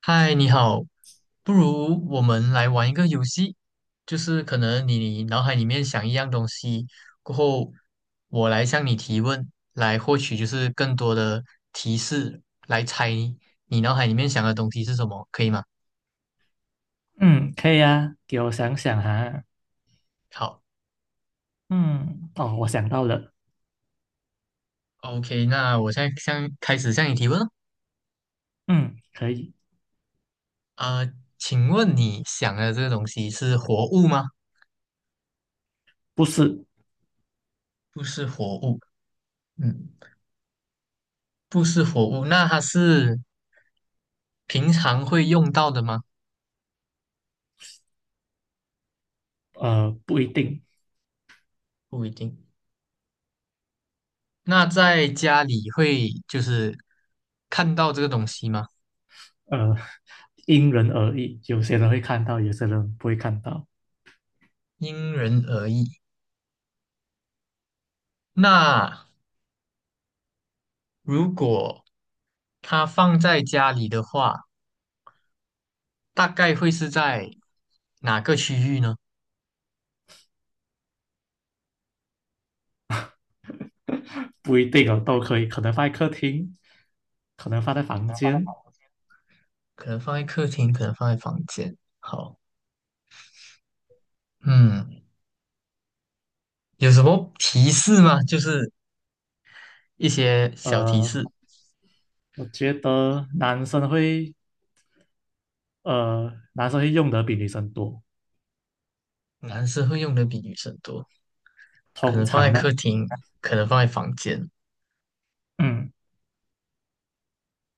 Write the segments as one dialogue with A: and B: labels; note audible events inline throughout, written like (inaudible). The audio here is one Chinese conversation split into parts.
A: 嗨，你好，不如我们来玩一个游戏，就是可能你脑海里面想一样东西，过后我来向你提问，来获取就是更多的提示，来猜你脑海里面想的东西是什么，可以吗？
B: 嗯，可以啊，给我想想哈。
A: 好
B: 嗯，哦，我想到了。
A: ，OK，那我现在向开始向你提问了。
B: 嗯，可以，
A: 呃，请问你想的这个东西是活物吗？
B: 不是，
A: 不是活物，嗯，不是活物，那它是平常会用到的吗？
B: 不一定，
A: 不一定。那在家里会就是看到这个东西吗？
B: 呃，因人而异。有些人会看到，有些人不会看到，
A: 因人而异。那如果它放在家里的话，大概会是在哪个区域呢？
B: 不一定哦，都可以。可能放在客厅，可能放在房间。
A: 可能放在客厅，可能放在房间。好，嗯，有什么提示吗？就是一些小提示，
B: 呃，我觉得男生会用的比女生多，
A: 男生会用的比女生多，可
B: 通
A: 能放
B: 常
A: 在
B: 呢，
A: 客厅，可能放在房间。
B: 嗯，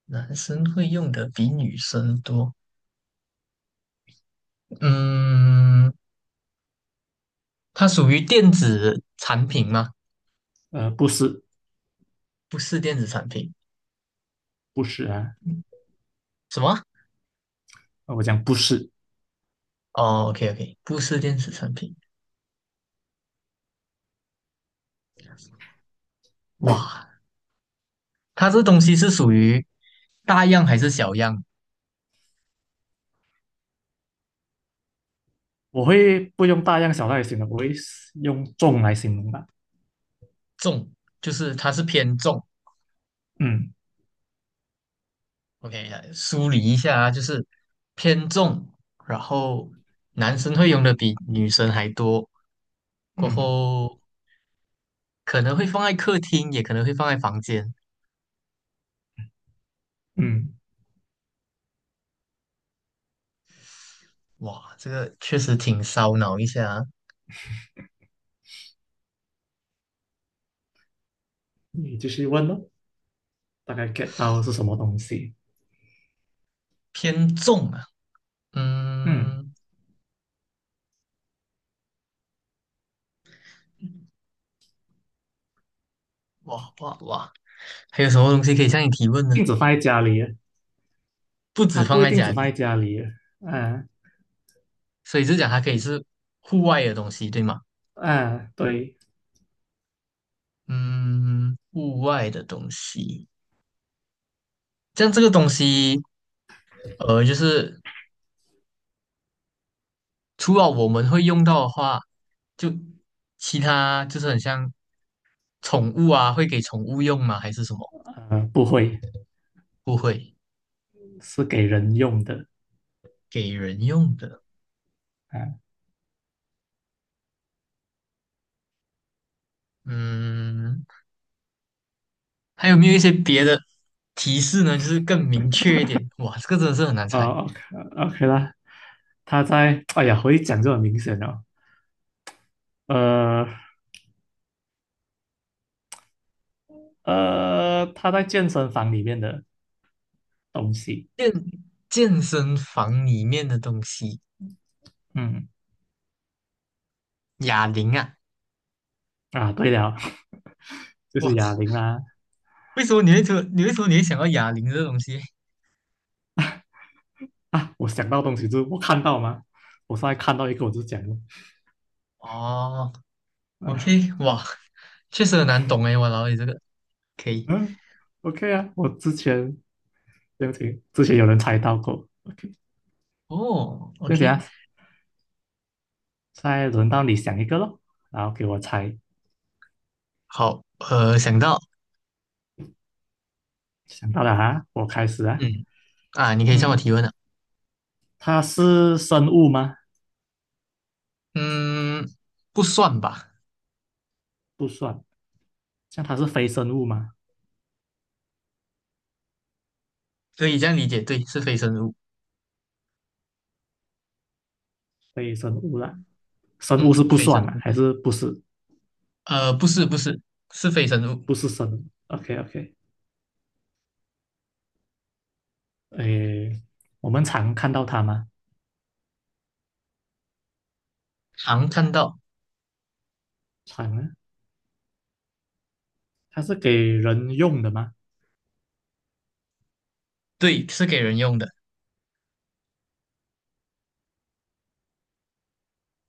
A: 男生会用的比女生多，嗯，它属于电子产品吗？
B: 不是，
A: 不是电子产品，
B: 不是啊，
A: 什么？
B: 我讲不是，
A: 哦，OK OK，不是电子产品。哇，它这东西是属于大样还是小样？
B: 我会不用大样小样来形容，我会用重来形容吧。
A: 重，就是它是偏重。
B: 嗯
A: OK，来梳理一下啊，就是偏重，然后男生会用的比女生还多，过
B: 嗯
A: 后可能会放在客厅，也可能会放在房间。
B: 嗯，
A: 哇，这个确实挺烧脑一下啊
B: 你继续问咯，大概 get 到是什么东西？
A: 偏重啊。
B: 嗯，
A: 嗯，哇哇哇！还有什么东西可以向你提问呢？
B: 镜子放在家里，
A: 不止
B: 它
A: 放
B: 不一
A: 在
B: 定
A: 家
B: 只放在
A: 里，
B: 家里，嗯、
A: 所以就讲它可以是户外的东西，对吗？
B: 嗯，对，
A: 嗯，户外的东西，像这个东西，就是除了我们会用到的话，就其他就是很像宠物啊，会给宠物用吗？还是什么？
B: 不会，
A: 不会，
B: 是给人用的，
A: 给人用的。
B: 嗯、
A: 嗯，还有没有一些别的提示呢？就是更明确一点。哇，这个真的是很难猜。
B: 哦，OK OK 啦，哎呀，我一讲就很明显了，呃它在健身房里面的东西，
A: 健健身房里面的东西，
B: 嗯
A: 哑铃啊，
B: 啊，对了，(laughs) 就是
A: 哇，
B: 哑铃啦，
A: 为什么你会说，你为什么你会想到哑铃这个东西？
B: 啊，我想到东西就是我看到嘛，我上来看到一个我就讲了。
A: 哦
B: 啊
A: ，OK，哇，确实很难懂哎，我老你这个可以，
B: 嗯，OK 啊，我之前对不起，之前有人猜到过，OK，
A: 哦
B: 对不起
A: ，OK，
B: 啊，再轮到你想一个咯，然后给我猜，
A: 好，呃，想到，
B: 想到了啊，我开始啊，
A: 嗯，啊，你可以向我
B: 嗯，
A: 提问了，
B: 它是生物吗？
A: 嗯，不算吧，
B: 不算，像它是非生物吗？
A: 可以这样理解，对，是非生物，
B: 非生物啦，生物是
A: 嗯，
B: 不
A: 非生
B: 算啦，
A: 物，
B: 还是不是？
A: 不是不是，是非生物，
B: 不是生物，OK OK，诶，我们常看到它吗？
A: 常看到，
B: 常啊，它是给人用的吗？
A: 对，是给人用的，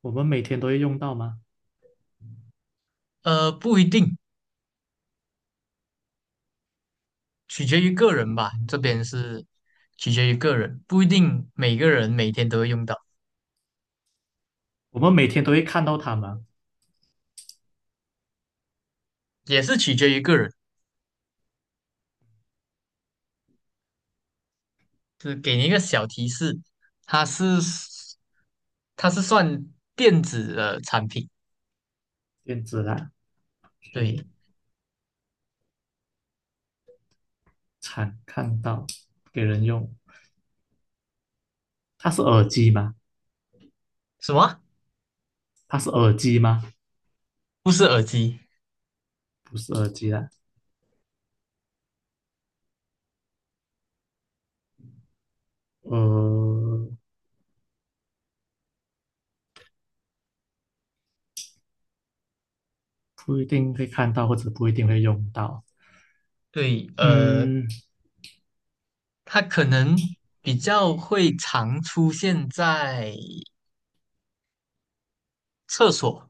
B: 我们每天都会用到吗？
A: 不一定。取决于个人吧，
B: 嗯，
A: 这边是取决于个人，不一定每个人每天都会用到，
B: 我们每天都会看到它吗？
A: 也是取决于个人。是给你一个小提示，它是它是算电子的产品，
B: 电子啦，OK。
A: 对，
B: 常看到给人用。它是耳机吗？
A: 什么？
B: 它是耳机吗？
A: 不是耳机，
B: 不是耳机啦，呃，不一定会看到，或者不一定会用到。
A: 对，呃，
B: 嗯，
A: 它可能比较会常出现在厕所，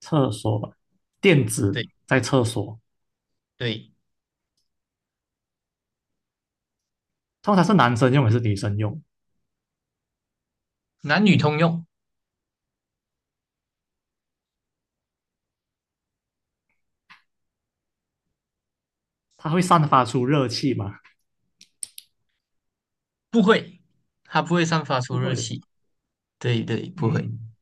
B: 厕所吧，垫子
A: 对
B: 在厕所，
A: 对，
B: 通常是男生用还是女生用？
A: 男女通用，
B: 它会散发出热气吗？
A: 不会，它不会散发出
B: 不
A: 热
B: 会。
A: 气，对对，不会。
B: 嗯，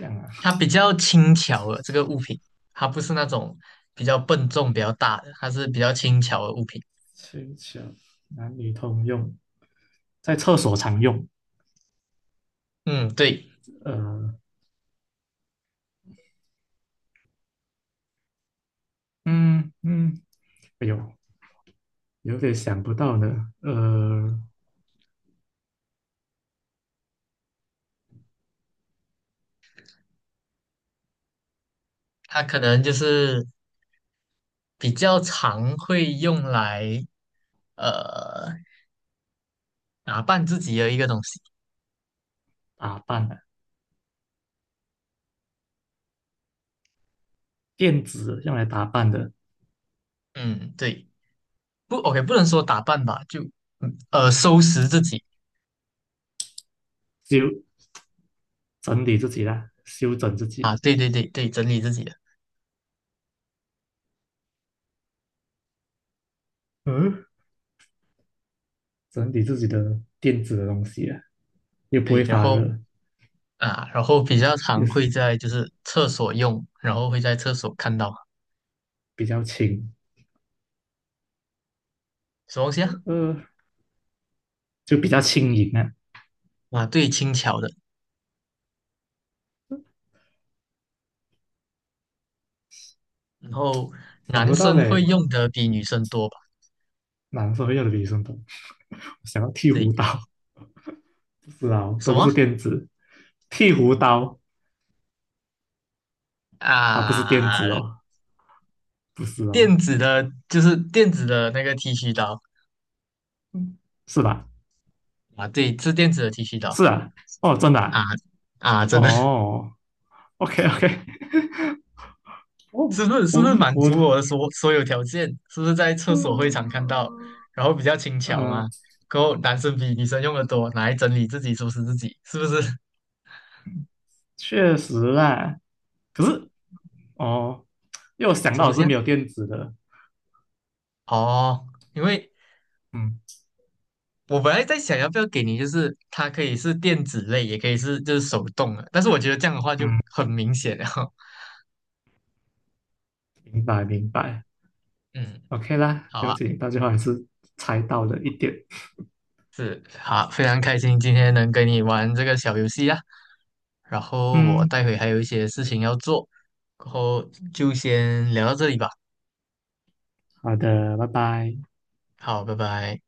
B: 这样啊，
A: 它比较轻巧的这个物品，它不是那种比较笨重、比较大的，它是比较轻巧的物品。
B: 球球男女通用，在厕所常用。
A: 嗯，对，
B: 呃，嗯嗯，哎呦，有点想不到呢。
A: 它可能就是比较常会用来呃打扮自己的一个东西。
B: 打扮啊，电子用来打扮的，
A: 嗯，对，不，OK，不能说打扮吧，就收拾自己
B: 修整理自己啦，修整自
A: 啊，
B: 己，
A: 对对对对，整理自己的，
B: 嗯，整理自己的电子的东西啊，又不
A: 对，
B: 会
A: 然
B: 发
A: 后
B: 热，
A: 啊，然后比较
B: 又
A: 常
B: 是
A: 会在就是厕所用，然后会在厕所看到
B: 比较轻，
A: 什么东西啊？
B: 呃，就比较轻盈啊。
A: 啊，对，轻巧的。然后
B: 想
A: 男
B: 不到
A: 生会
B: 嘞，
A: 用的比女生多吧？
B: 男生会用的女生多。想要剃
A: 对，
B: 胡刀，不是啊，哦
A: 什
B: 都不
A: 么
B: 是电子，剃胡刀它不是电
A: 啊？
B: 子哦，不是
A: 电
B: 哦，
A: 子的，就是电子的那个剃须刀
B: 嗯，是吧？
A: 啊，对，是电子的剃须刀
B: 是啊，哦，真的啊、
A: 啊啊，真的 (laughs)
B: 哦，OK OK，(laughs)
A: 是
B: 哦，
A: 不是
B: 我
A: 满
B: 我
A: 足我的所有条件？是不是在厕所会常看到，
B: 嗯，
A: 然后比较轻巧嘛？
B: 嗯，
A: 然后男生比女生用的多，拿来整理自己收拾自己，是不是 (laughs)？
B: 确实啦。可是哦，因为我想
A: 什
B: 到
A: 么
B: 我
A: 东西
B: 是
A: 啊？
B: 没有电子的，
A: 哦，因为
B: 嗯
A: 我本来在想要不要给你，就是它可以是电子类，也可以是就是手动的，但是我觉得这样的话就
B: 嗯，
A: 很明显了。(laughs)
B: 明白明白
A: 嗯，
B: ，OK 啦，
A: 好
B: 不用
A: 啊，
B: 紧，到最后还是猜到了一点。
A: 是好，非常开心今天能跟你玩这个小游戏啊。然后我
B: 嗯，
A: 待会还有一些事情要做，然后就先聊到这里吧。
B: 好的，拜拜。
A: 好，拜拜。